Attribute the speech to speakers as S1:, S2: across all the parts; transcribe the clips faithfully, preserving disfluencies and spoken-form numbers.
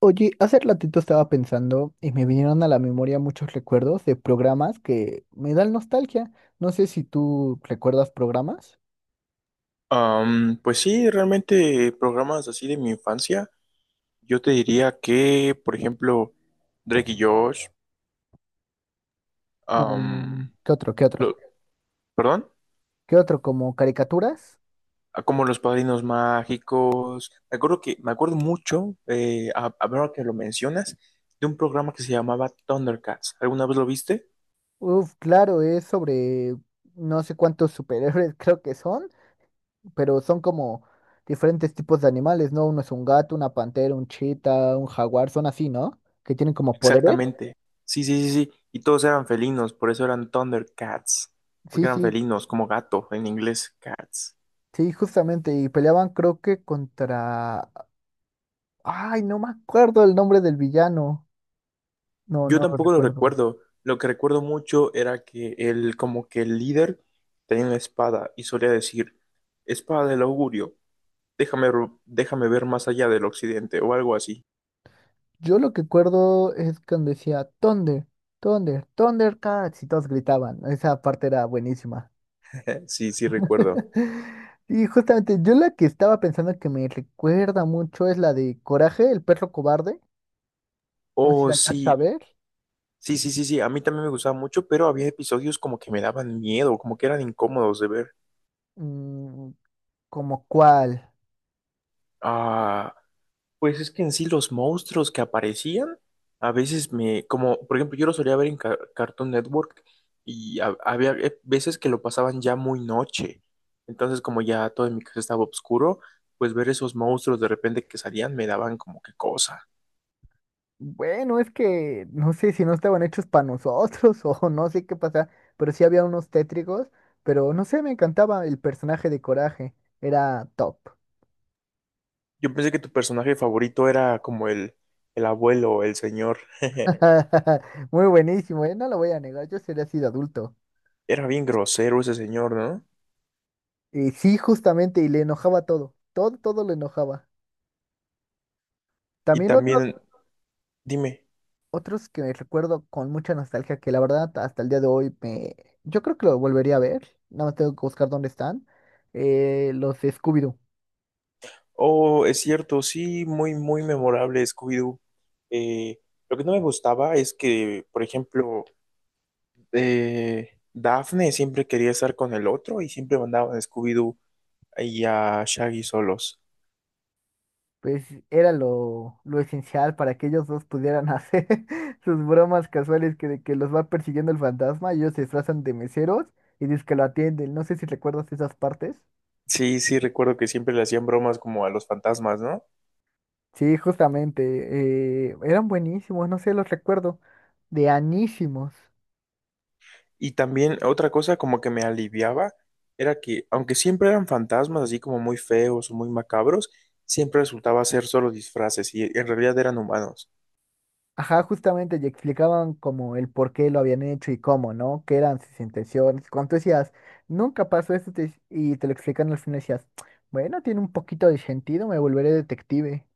S1: Oye, hace ratito estaba pensando y me vinieron a la memoria muchos recuerdos de programas que me dan nostalgia. No sé si tú recuerdas programas.
S2: Am, pues sí, realmente programas así de mi infancia, yo te diría que, por ejemplo, Drake y Josh, am,
S1: Um, ¿qué otro? ¿Qué otro?
S2: lo- perdón,
S1: ¿Qué otro? ¿Como caricaturas?
S2: ah, como Los Padrinos Mágicos, me acuerdo que, me acuerdo mucho, eh, a- ahora que lo mencionas, de un programa que se llamaba Thundercats, ¿alguna vez lo viste?
S1: Uf, claro, es sobre no sé cuántos superhéroes creo que son, pero son como diferentes tipos de animales, ¿no? Uno es un gato, una pantera, un chita, un jaguar, son así, ¿no? Que tienen como poderes.
S2: Exactamente, sí, sí, sí, sí, y todos eran felinos, por eso eran Thundercats, porque
S1: Sí,
S2: eran
S1: sí,
S2: felinos, como gato en inglés, cats.
S1: sí, justamente. Y peleaban creo que contra. Ay, no me acuerdo el nombre del villano. No,
S2: Yo
S1: no lo
S2: tampoco lo
S1: recuerdo.
S2: recuerdo. Lo que recuerdo mucho era que él, como que el líder, tenía una espada y solía decir, espada del augurio, déjame, ro- déjame ver más allá del occidente o algo así.
S1: Yo lo que recuerdo es cuando decía Thunder, Thunder, Thundercats y todos gritaban. Esa parte era buenísima.
S2: Sí, sí, recuerdo.
S1: Y justamente yo la que estaba pensando que me recuerda mucho es la de Coraje, el perro cobarde. No sé si
S2: Oh,
S1: la llegaste
S2: sí,
S1: a ver.
S2: sí, sí, sí, sí, a mí también me gustaba mucho, pero había episodios como que me daban miedo, como que eran incómodos de ver.
S1: Mm, ¿Como cuál?
S2: Ah, pues es que en sí los monstruos que aparecían, a veces me, como por ejemplo yo lo solía ver en Ca- Cartoon Network y ha- había eh, veces que lo pasaban ya muy noche, entonces como ya todo en mi casa estaba oscuro, pues ver esos monstruos de repente que salían me daban como que cosa.
S1: Bueno, es que no sé si no estaban hechos para nosotros o no sé qué pasa, pero sí había unos tétricos, pero no sé, me encantaba el personaje de Coraje, era top.
S2: Yo pensé que tu personaje favorito era como el, el abuelo, el señor,
S1: Muy buenísimo, ¿eh? No lo voy a negar, yo sería así de adulto.
S2: era bien grosero ese señor, ¿no?
S1: Y sí, justamente, y le enojaba todo, todo, todo le enojaba.
S2: Y
S1: También otro-
S2: también, dime.
S1: otros que recuerdo con mucha nostalgia, que la verdad hasta el día de hoy me... Yo creo que lo volvería a ver, nada más tengo que buscar dónde están, eh, los de Scooby-Doo.
S2: Oh, es cierto, sí, muy, muy memorable Scooby-Doo. Eh, lo que no me gustaba es que, por ejemplo, eh, Daphne siempre quería estar con el otro y siempre mandaban a Scooby-Doo y a Shaggy solos.
S1: Pues era lo, lo esencial para que ellos dos pudieran hacer sus bromas casuales que, de que los va persiguiendo el fantasma y ellos se disfrazan de meseros y dicen que lo atienden. No sé si recuerdas esas partes.
S2: Sí, sí, recuerdo que siempre le hacían bromas como a los fantasmas, ¿no?
S1: Sí, justamente, eh, eran buenísimos, no sé, los recuerdo, de anísimos.
S2: Y también otra cosa como que me aliviaba era que, aunque siempre eran fantasmas así como muy feos o muy macabros, siempre resultaba ser solo disfraces y en realidad eran humanos.
S1: Ajá, justamente, y explicaban como el por qué lo habían hecho y cómo, ¿no? Qué eran sus intenciones. Cuando tú decías, nunca pasó esto, te- y te lo explican al final, decías, bueno, tiene un poquito de sentido, me volveré detective.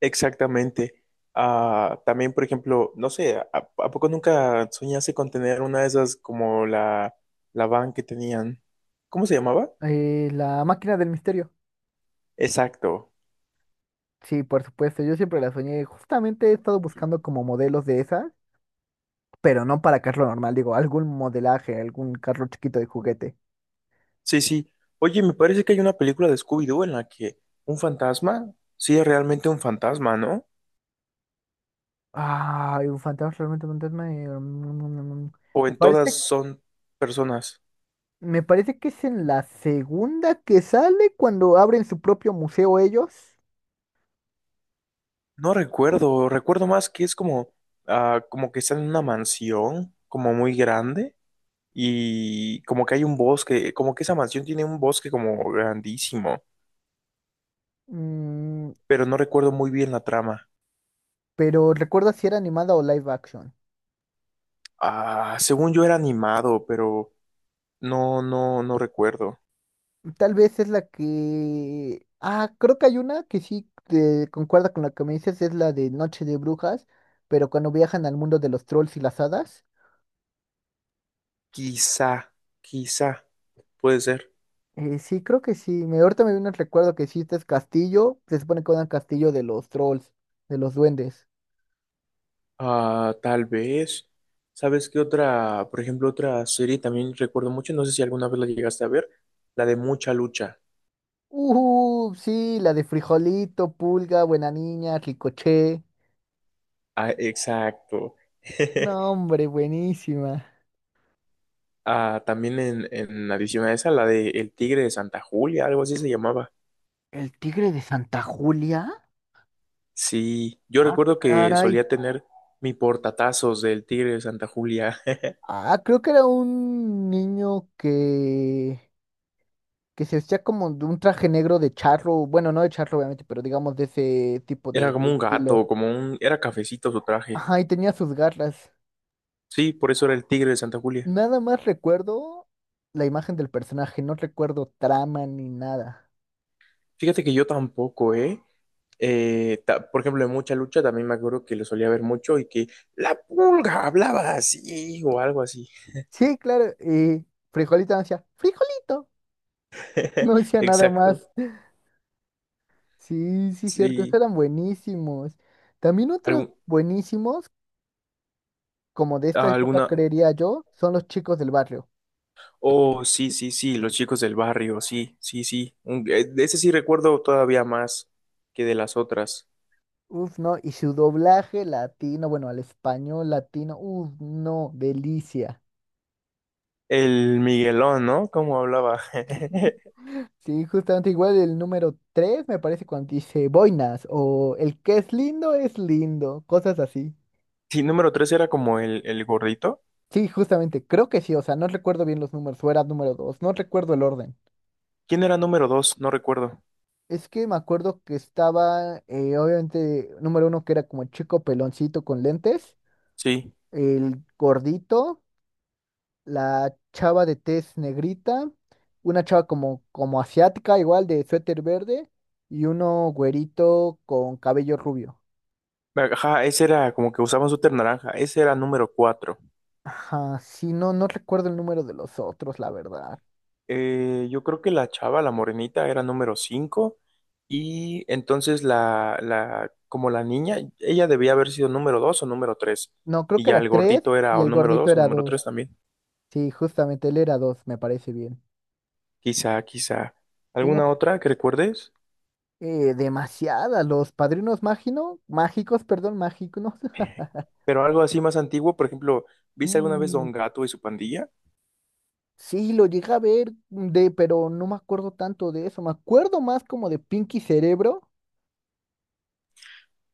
S2: Exactamente. Ah, también, por ejemplo, no sé, ¿a, a poco nunca soñaste con tener una de esas como la, la van que tenían? ¿Cómo se llamaba?
S1: Eh, la máquina del misterio.
S2: Exacto.
S1: Sí, por supuesto, yo siempre la soñé. Justamente he estado buscando como modelos de esas, pero no para carro normal, digo, algún modelaje, algún carro chiquito de juguete.
S2: Sí, sí. Oye, me parece que hay una película de Scooby-Doo en la que un fantasma sí es realmente un fantasma, ¿no?
S1: Ah, un fantasma, realmente un fantasma. eh, mm,
S2: O
S1: Me
S2: en todas
S1: parece,
S2: son personas.
S1: me parece que es en la segunda que sale cuando abren su propio museo ellos.
S2: No recuerdo, recuerdo más que es como, ah, como que están en una mansión, como muy grande. Y como que hay un bosque, como que esa mansión tiene un bosque como grandísimo,
S1: Mm,
S2: pero no recuerdo muy bien la trama.
S1: pero recuerda si era animada o live action.
S2: Ah, según yo era animado, pero no, no, no recuerdo.
S1: Tal vez es la que... Ah, creo que hay una que sí te concuerda con la que me dices, es la de Noche de Brujas, pero cuando viajan al mundo de los trolls y las hadas.
S2: Quizá, quizá, puede ser.
S1: Eh, sí, creo que sí. Me, ahorita me viene el recuerdo que sí, este es castillo, se supone que era un castillo de los trolls, de los duendes.
S2: Ah, tal vez. ¿Sabes qué otra, por ejemplo, otra serie también recuerdo mucho? No sé si alguna vez la llegaste a ver, la de Mucha Lucha.
S1: Uh, sí, la de Frijolito, Pulga, Buena Niña, Ricoché.
S2: Ah, exacto.
S1: No, hombre, buenísima.
S2: Ah, también en, en adición a esa, la de El Tigre de Santa Julia, algo así se llamaba.
S1: ¿El tigre de Santa Julia?
S2: Sí, yo
S1: Ah,
S2: recuerdo que
S1: caray.
S2: solía tener mi portatazos del Tigre de Santa Julia.
S1: Ah, creo que era un niño que, que se vestía como de un traje negro de charro, bueno, no de charro obviamente, pero digamos de ese tipo
S2: Era
S1: de
S2: como un
S1: estilo.
S2: gato, como un... Era cafecito su traje.
S1: Ajá, y tenía sus garras.
S2: Sí, por eso era el Tigre de Santa Julia.
S1: Nada más recuerdo la imagen del personaje, no recuerdo trama ni nada.
S2: Fíjate que yo tampoco, ¿eh? Eh, ta- por ejemplo, en mucha lucha también me acuerdo que lo solía ver mucho y que la pulga hablaba así o algo así.
S1: Sí, claro, y Frijolito no decía, Frijolito, no decía nada
S2: Exacto.
S1: más. Sí, sí, cierto, esos
S2: Sí.
S1: eran buenísimos. También otros
S2: Algún-
S1: buenísimos, como de esta época
S2: alguna...
S1: creería yo, son los chicos del barrio.
S2: Oh, sí, sí, sí, los chicos del barrio, sí, sí, sí. Un- eh, de ese sí recuerdo todavía más que de las otras.
S1: Uf, no, y su doblaje latino, bueno, al español latino, uf, no, delicia.
S2: El Miguelón, ¿no? ¿Cómo hablaba?
S1: Sí, justamente igual el número tres me parece cuando dice boinas o el que es lindo es lindo, cosas así.
S2: Sí, número tres era como el, el gordito.
S1: Sí, justamente, creo que sí, o sea, no recuerdo bien los números, o era número dos no recuerdo el orden.
S2: ¿Quién era número dos? No recuerdo.
S1: Es que me acuerdo que estaba, eh, obviamente, número uno que era como el chico peloncito con lentes,
S2: Sí.
S1: el gordito, la chava de tez negrita, una chava como, como asiática, igual de suéter verde, y uno güerito con cabello rubio.
S2: Ajá, ese era como que usaban su naranja. Ese era número cuatro.
S1: Ajá, sí, no, no recuerdo el número de los otros, la verdad.
S2: Eh, yo creo que la chava, la morenita, era número cinco. Y entonces la, la, como la niña, ella debía haber sido número dos o número tres.
S1: No, creo
S2: Y
S1: que
S2: ya
S1: era
S2: el
S1: tres sí,
S2: gordito era
S1: y
S2: o
S1: el
S2: número
S1: gordito
S2: dos o
S1: era
S2: número
S1: dos.
S2: tres también.
S1: Sí, justamente él era dos, me parece bien.
S2: Quizá, quizá.
S1: Sí,
S2: ¿Alguna
S1: no,
S2: otra que recuerdes?
S1: eh, demasiada, los padrinos mágino, mágicos, perdón, mágicos
S2: Pero algo así más antiguo, por ejemplo, ¿viste alguna vez
S1: Mm,
S2: Don Gato y su pandilla?
S1: sí, lo llegué a ver de, pero no me acuerdo tanto de eso. Me acuerdo más como de Pinky Cerebro.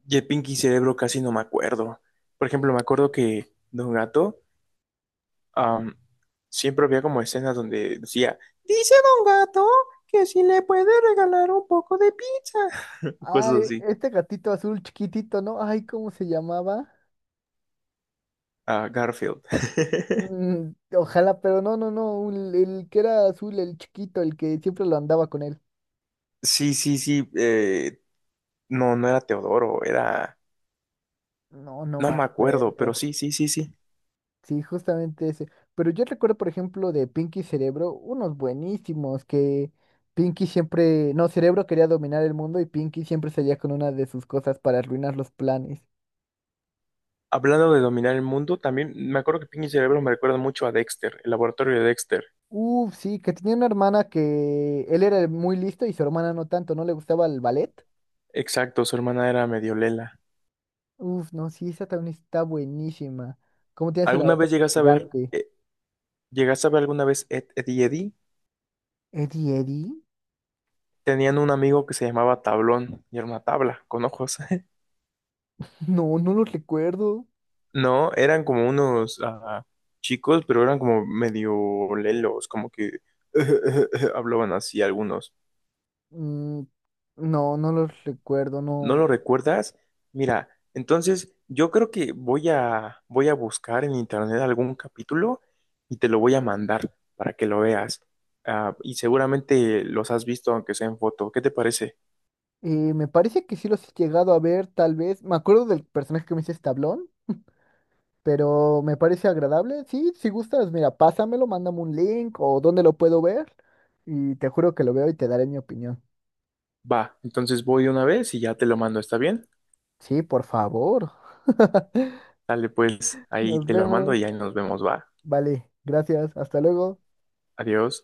S2: Y el Pinky Cerebro casi no me acuerdo. Por ejemplo, me acuerdo que Don Gato am, siempre había como escenas donde decía, dice Don Gato que si le puede regalar un poco de pizza. Cosas
S1: Ay,
S2: así.
S1: este gatito azul chiquitito, ¿no? Ay, ¿cómo se llamaba?
S2: ¿A Garfield?
S1: Mm, Ojalá, pero no, no, no, un- el que era azul, el chiquito, el que siempre lo andaba con él.
S2: Sí, sí, sí. Eh, no, no era Teodoro, era...
S1: No, no
S2: No
S1: me
S2: me acuerdo, pero
S1: acuerdo.
S2: sí, sí, sí, sí.
S1: Sí, justamente ese. Pero yo recuerdo, por ejemplo, de Pinky Cerebro, unos buenísimos que Pinky siempre, no, Cerebro quería dominar el mundo y Pinky siempre salía con una de sus cosas para arruinar los planes.
S2: Hablando de dominar el mundo, también me acuerdo que Pinky Cerebro me recuerda mucho a Dexter, el laboratorio de Dexter.
S1: Uf, sí, que tenía una hermana que él era muy listo y su hermana no tanto, no le gustaba el ballet.
S2: Exacto, su hermana era medio lela.
S1: Uf, no, sí, esa también está buenísima. ¿Cómo tienes la
S2: ¿Alguna
S1: otra
S2: vez llegaste a ver,
S1: gigante?
S2: eh, llegaste a ver alguna vez Ed, Ed y Eddie?
S1: ¿Eddie Eddie?
S2: Tenían un amigo que se llamaba Tablón y era una tabla con ojos.
S1: No, no los recuerdo.
S2: No, eran como unos ah, chicos, pero eran como medio lelos, como que hablaban así algunos.
S1: Mm, no, no los recuerdo,
S2: ¿No lo
S1: no.
S2: recuerdas? Mira, entonces yo creo que voy a voy a buscar en internet algún capítulo y te lo voy a mandar para que lo veas. Ah, y seguramente los has visto aunque sea en foto. ¿Qué te parece?
S1: Eh, me parece que sí los he llegado a ver, tal vez. Me acuerdo del personaje que me dice Tablón, pero me parece agradable. Sí, si gustas, mira, pásamelo, mándame un link o dónde lo puedo ver. Y te juro que lo veo y te daré mi opinión.
S2: Va, entonces voy una vez y ya te lo mando, ¿está bien?
S1: Sí, por favor.
S2: Dale, pues ahí
S1: Nos
S2: te lo mando
S1: vemos.
S2: y ahí nos vemos, va.
S1: Vale, gracias. Hasta luego.
S2: Adiós.